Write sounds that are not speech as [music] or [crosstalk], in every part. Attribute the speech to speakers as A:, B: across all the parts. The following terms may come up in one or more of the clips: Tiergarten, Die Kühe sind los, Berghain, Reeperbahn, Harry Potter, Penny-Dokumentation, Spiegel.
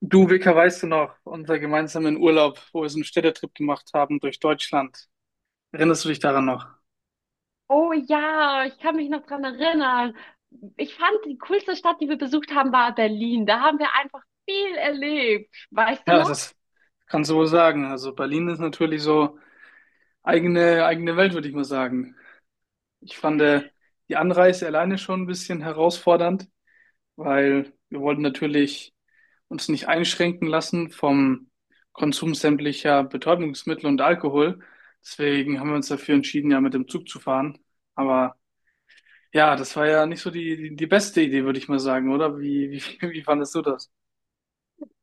A: Du, Vika, weißt du noch, unseren gemeinsamen Urlaub, wo wir so einen Städtetrip gemacht haben durch Deutschland. Erinnerst du dich daran noch?
B: Oh ja, ich kann mich noch dran erinnern. Ich fand, die coolste Stadt, die wir besucht haben, war Berlin. Da haben wir einfach viel erlebt. Weißt du
A: Ja,
B: noch?
A: das kannst du wohl sagen. Also Berlin ist natürlich so eigene Welt, würde ich mal sagen. Ich fand die Anreise alleine schon ein bisschen herausfordernd, weil wir wollten natürlich uns nicht einschränken lassen vom Konsum sämtlicher Betäubungsmittel und Alkohol. Deswegen haben wir uns dafür entschieden, ja, mit dem Zug zu fahren. Aber ja, das war ja nicht so die beste Idee, würde ich mal sagen, oder? [laughs] Wie fandest du das? [laughs]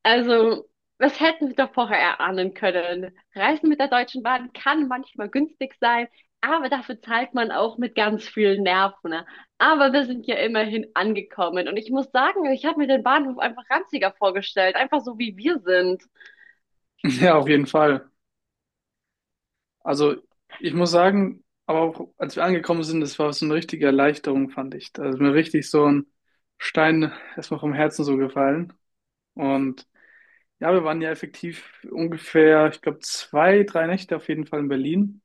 B: Also, was hätten wir doch vorher erahnen können? Reisen mit der Deutschen Bahn kann manchmal günstig sein, aber dafür zahlt man auch mit ganz vielen Nerven. Ne? Aber wir sind ja immerhin angekommen. Und ich muss sagen, ich habe mir den Bahnhof einfach ranziger vorgestellt. Einfach so, wie wir sind.
A: Ja, auf jeden Fall. Also, ich muss sagen, aber auch als wir angekommen sind, das war so eine richtige Erleichterung, fand ich. Da ist mir richtig so ein Stein erstmal vom Herzen so gefallen. Und ja, wir waren ja effektiv ungefähr, ich glaube, zwei, drei Nächte auf jeden Fall in Berlin.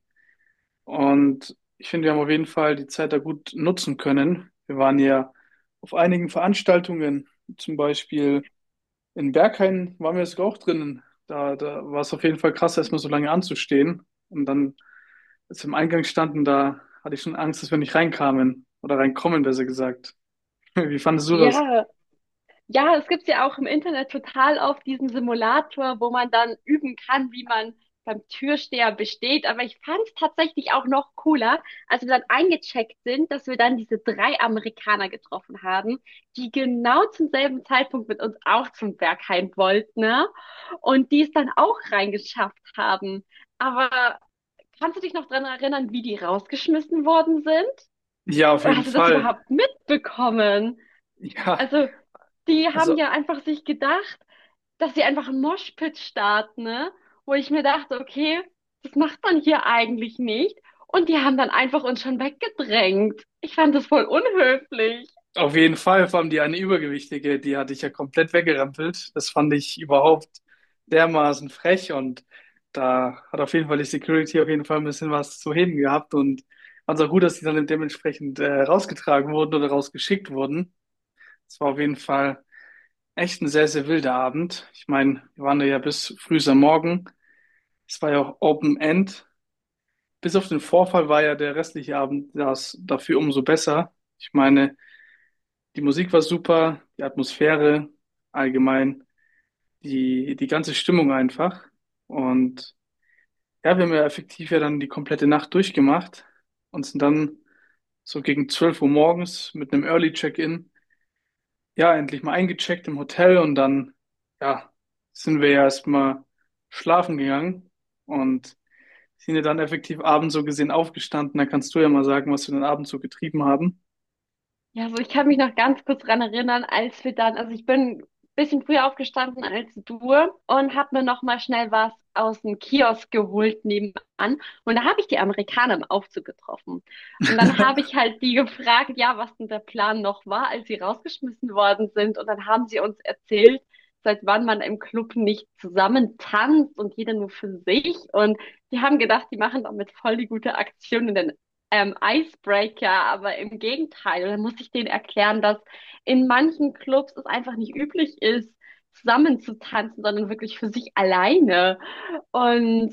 A: Und ich finde, wir haben auf jeden Fall die Zeit da gut nutzen können. Wir waren ja auf einigen Veranstaltungen, zum Beispiel. In Berghain waren wir sogar auch drinnen. Da war es auf jeden Fall krass, erstmal so lange anzustehen. Und dann, als wir im Eingang standen, da hatte ich schon Angst, dass wir nicht reinkamen. Oder reinkommen, besser gesagt. [laughs] Wie fandest du das?
B: Ja. Ja, das gibt's ja auch im Internet total oft diesen Simulator, wo man dann üben kann, wie man beim Türsteher besteht. Aber ich fand's tatsächlich auch noch cooler, als wir dann eingecheckt sind, dass wir dann diese drei Amerikaner getroffen haben, die genau zum selben Zeitpunkt mit uns auch zum Berghain wollten, ne? Und die es dann auch reingeschafft haben. Aber kannst du dich noch dran erinnern, wie die rausgeschmissen worden sind?
A: Ja, auf
B: Oder
A: jeden
B: hast du das
A: Fall.
B: überhaupt mitbekommen?
A: Ja,
B: Also, die haben
A: also
B: ja einfach sich gedacht, dass sie einfach einen Moshpit starten, ne? Wo ich mir dachte, okay, das macht man hier eigentlich nicht. Und die haben dann einfach uns schon weggedrängt. Ich fand das voll unhöflich.
A: auf jeden Fall, vor allem die eine Übergewichtige, die hatte ich ja komplett weggerempelt. Das fand ich überhaupt dermaßen frech, und da hat auf jeden Fall die Security auf jeden Fall ein bisschen was zu heben gehabt und fand es auch gut, dass die dann dementsprechend rausgetragen wurden oder rausgeschickt wurden. Es war auf jeden Fall echt ein sehr, sehr wilder Abend. Ich meine, wir waren da ja bis früh am Morgen. Es war ja auch Open End. Bis auf den Vorfall war ja der restliche Abend das dafür umso besser. Ich meine, die Musik war super, die Atmosphäre allgemein, die ganze Stimmung einfach. Und ja, wir haben ja effektiv ja dann die komplette Nacht durchgemacht und sind dann so gegen 12 Uhr morgens mit einem Early Check-in, ja, endlich mal eingecheckt im Hotel, und dann, ja, sind wir ja erstmal schlafen gegangen und sind ja dann effektiv abends so gesehen aufgestanden. Da kannst du ja mal sagen, was wir den Abend so getrieben haben.
B: Ja, also ich kann mich noch ganz kurz dran erinnern, als wir dann, also ich bin ein bisschen früher aufgestanden als du und habe mir noch mal schnell was aus dem Kiosk geholt nebenan. Und da habe ich die Amerikaner im Aufzug getroffen. Und dann habe
A: [laughs]
B: ich halt die gefragt, ja, was denn der Plan noch war, als sie rausgeschmissen worden sind. Und dann haben sie uns erzählt, seit wann man im Club nicht zusammen tanzt und jeder nur für sich. Und die haben gedacht, die machen damit voll die gute Aktion. Und dann Icebreaker, aber im Gegenteil. Und dann muss ich denen erklären, dass in manchen Clubs es einfach nicht üblich ist, zusammen zu tanzen, sondern wirklich für sich alleine. Und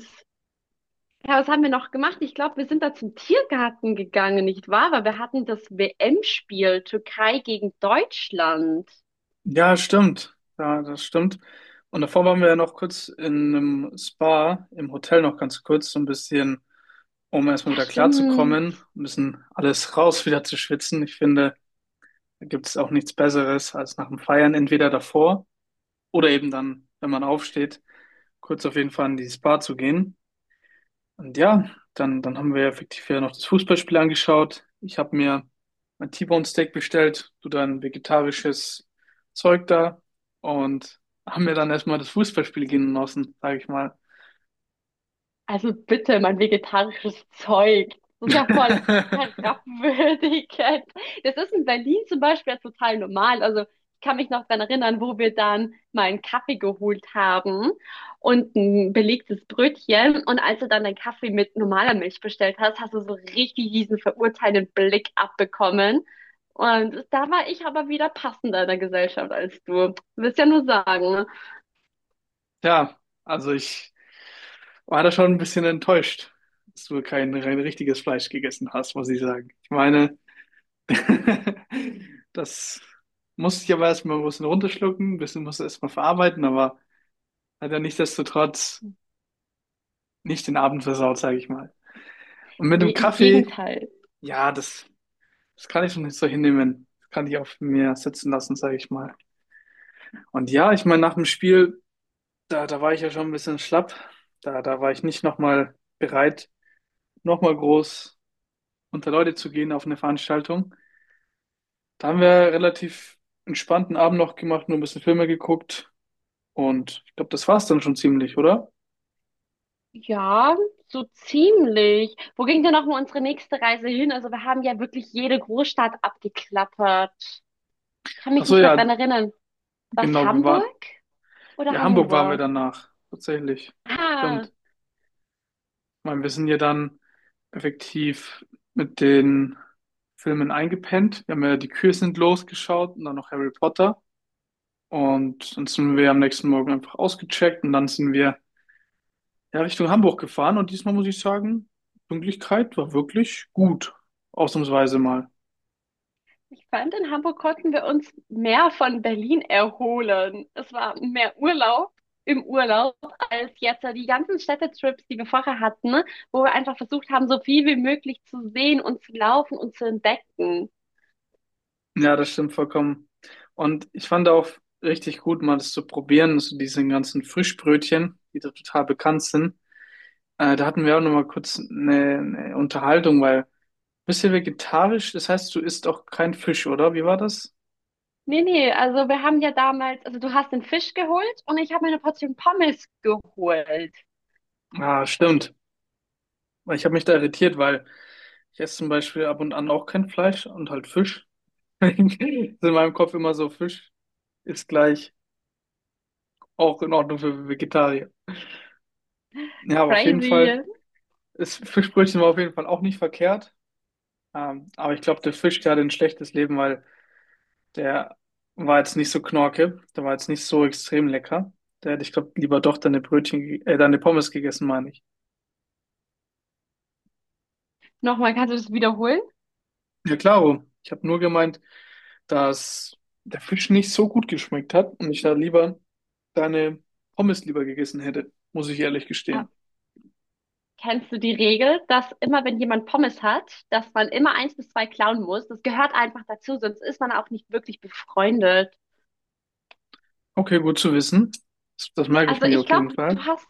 B: ja, was haben wir noch gemacht? Ich glaube, wir sind da zum Tiergarten gegangen, nicht wahr? Weil wir hatten das WM-Spiel Türkei gegen Deutschland.
A: Ja, stimmt. Ja, das stimmt. Und davor waren wir ja noch kurz in einem Spa, im Hotel noch ganz kurz, so ein bisschen, um erstmal
B: Ja,
A: wieder
B: stimmt.
A: klarzukommen, ein bisschen alles [laughs] raus wieder zu schwitzen. Ich finde, da gibt es auch nichts Besseres als nach dem Feiern, entweder davor oder eben dann, wenn man aufsteht, kurz auf jeden Fall in die Spa zu gehen. Und ja, dann haben wir ja effektiv ja noch das Fußballspiel angeschaut. Ich habe mir mein T-Bone Steak bestellt, du dein vegetarisches Zeug da, und haben mir dann erstmal das Fußballspiel genossen, sage ich mal.
B: Also bitte, mein vegetarisches Zeug. Das ist ja voll
A: [laughs]
B: herabwürdigend. Das ist in Berlin zum Beispiel ja total normal. Also ich kann mich noch dran erinnern, wo wir dann mal einen Kaffee geholt haben und ein belegtes Brötchen. Und als du dann deinen Kaffee mit normaler Milch bestellt hast, hast du so richtig diesen verurteilenden Blick abbekommen. Und da war ich aber wieder passender in der Gesellschaft als du. Willst ja nur sagen, ne?
A: Ja, also ich war da schon ein bisschen enttäuscht, dass du kein rein richtiges Fleisch gegessen hast, muss ich sagen. Ich meine, [laughs] das musste ich aber erstmal ein bisschen runterschlucken, ein bisschen musste erstmal verarbeiten, aber hat ja nichtsdestotrotz nicht den Abend versaut, sage ich mal. Und mit
B: Nee,
A: dem
B: im
A: Kaffee,
B: Gegenteil.
A: ja, das kann ich schon nicht so hinnehmen. Das kann ich auf mir sitzen lassen, sage ich mal. Und ja, ich meine, nach dem Spiel, da war ich ja schon ein bisschen schlapp. Da war ich nicht nochmal bereit, nochmal groß unter Leute zu gehen auf eine Veranstaltung. Da haben wir relativ entspannten Abend noch gemacht, nur ein bisschen Filme geguckt. Und ich glaube, das war's dann schon ziemlich, oder?
B: Ja, so ziemlich. Wo ging denn nochmal unsere nächste Reise hin? Also wir haben ja wirklich jede Großstadt abgeklappert. Kann
A: Ach
B: mich
A: so,
B: nicht mehr
A: ja,
B: dran erinnern. War es
A: genau, wir waren,
B: Hamburg oder
A: ja, Hamburg waren wir
B: Hannover?
A: danach, tatsächlich.
B: Ah,
A: Stimmt. Ich meine, wir sind ja dann effektiv mit den Filmen eingepennt. Wir haben ja Die Kühe sind losgeschaut und dann noch Harry Potter. Und dann sind wir am nächsten Morgen einfach ausgecheckt und dann sind wir, ja, Richtung Hamburg gefahren. Und diesmal muss ich sagen, Pünktlichkeit war wirklich gut. Ausnahmsweise mal.
B: ich fand, in Hamburg konnten wir uns mehr von Berlin erholen. Es war mehr Urlaub im Urlaub als jetzt. Also die ganzen Städtetrips, die wir vorher hatten, wo wir einfach versucht haben, so viel wie möglich zu sehen und zu laufen und zu entdecken.
A: Ja, das stimmt vollkommen. Und ich fand auch richtig gut, mal das zu probieren, so diese ganzen Frischbrötchen, die da total bekannt sind. Da hatten wir auch nochmal kurz eine Unterhaltung, weil bisschen vegetarisch, das heißt, du isst auch kein Fisch, oder? Wie war das?
B: Nee, nee, also wir haben ja damals, also du hast den Fisch geholt und ich habe mir eine Portion Pommes geholt.
A: Ah, stimmt. Ich habe mich da irritiert, weil ich esse zum Beispiel ab und an auch kein Fleisch und halt Fisch. [laughs] Ist in meinem Kopf immer so, Fisch ist gleich auch in Ordnung für Vegetarier. Ja, aber auf jeden Fall
B: Crazy.
A: ist Fischbrötchen war auf jeden Fall auch nicht verkehrt. Aber ich glaube, der Fisch, der hatte ein schlechtes Leben, weil der war jetzt nicht so knorke, der war jetzt nicht so extrem lecker. Der hätte, ich glaube, lieber doch deine Brötchen, deine Pommes gegessen, meine ich.
B: Nochmal, kannst du das wiederholen?
A: Ja, klaro. Ich habe nur gemeint, dass der Fisch nicht so gut geschmeckt hat und ich da lieber deine Pommes lieber gegessen hätte, muss ich ehrlich
B: Äh,
A: gestehen.
B: Kennst du die Regel, dass immer, wenn jemand Pommes hat, dass man immer eins bis zwei klauen muss? Das gehört einfach dazu, sonst ist man auch nicht wirklich befreundet.
A: Okay, gut zu wissen. Das merke ich
B: Also
A: mir
B: ich
A: auf
B: glaube,
A: jeden
B: du
A: Fall.
B: hast,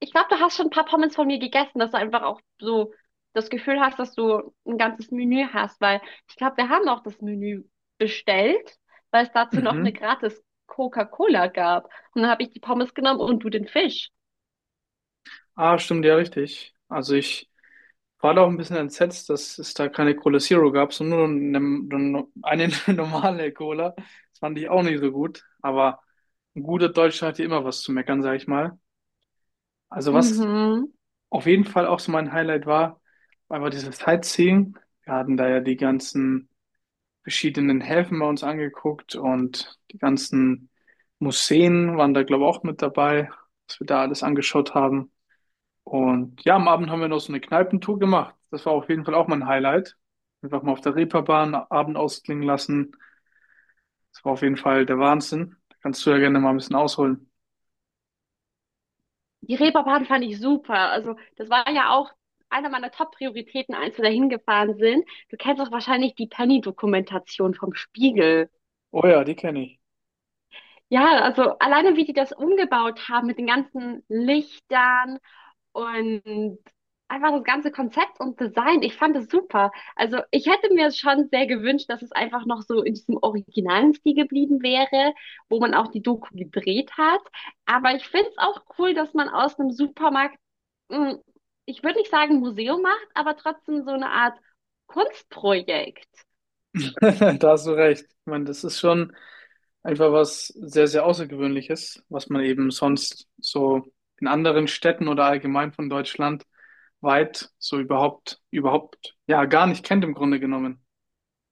B: ich glaube, du hast schon ein paar Pommes von mir gegessen, dass du einfach auch so das Gefühl hast, dass du ein ganzes Menü hast, weil ich glaube, wir haben auch das Menü bestellt, weil es dazu noch eine
A: Mhm.
B: gratis Coca-Cola gab. Und dann habe ich die Pommes genommen und du den Fisch.
A: Ah, stimmt ja richtig. Also ich war da auch ein bisschen entsetzt, dass es da keine Cola Zero gab, sondern nur eine [laughs] normale Cola. Das fand ich auch nicht so gut. Aber ein guter Deutscher hat ja immer was zu meckern, sag ich mal. Also was
B: Mhm.
A: auf jeden Fall auch so mein Highlight war, einfach dieses Sightseeing. Wir hatten da ja die ganzen verschiedenen Häfen bei uns angeguckt und die ganzen Museen waren da, glaube ich, auch mit dabei, was wir da alles angeschaut haben. Und ja, am Abend haben wir noch so eine Kneipentour gemacht. Das war auf jeden Fall auch mein Highlight. Einfach mal auf der Reeperbahn Abend ausklingen lassen. Das war auf jeden Fall der Wahnsinn. Da kannst du ja gerne mal ein bisschen ausholen.
B: Die Reeperbahn fand ich super. Also das war ja auch einer meiner Top-Prioritäten, als wir da hingefahren sind. Du kennst doch wahrscheinlich die Penny-Dokumentation vom Spiegel.
A: Oh ja, die kenne ich.
B: Ja, also alleine wie die das umgebaut haben mit den ganzen Lichtern und einfach das ganze Konzept und Design, ich fand es super. Also ich hätte mir schon sehr gewünscht, dass es einfach noch so in diesem originalen Stil geblieben wäre, wo man auch die Doku gedreht hat. Aber ich finde es auch cool, dass man aus einem Supermarkt, mh, ich würde nicht sagen Museum macht, aber trotzdem so eine Art Kunstprojekt.
A: [laughs] Da hast du recht. Ich meine, das ist schon einfach was sehr, sehr Außergewöhnliches, was man eben sonst so in anderen Städten oder allgemein von Deutschland weit so ja, gar nicht kennt im Grunde genommen.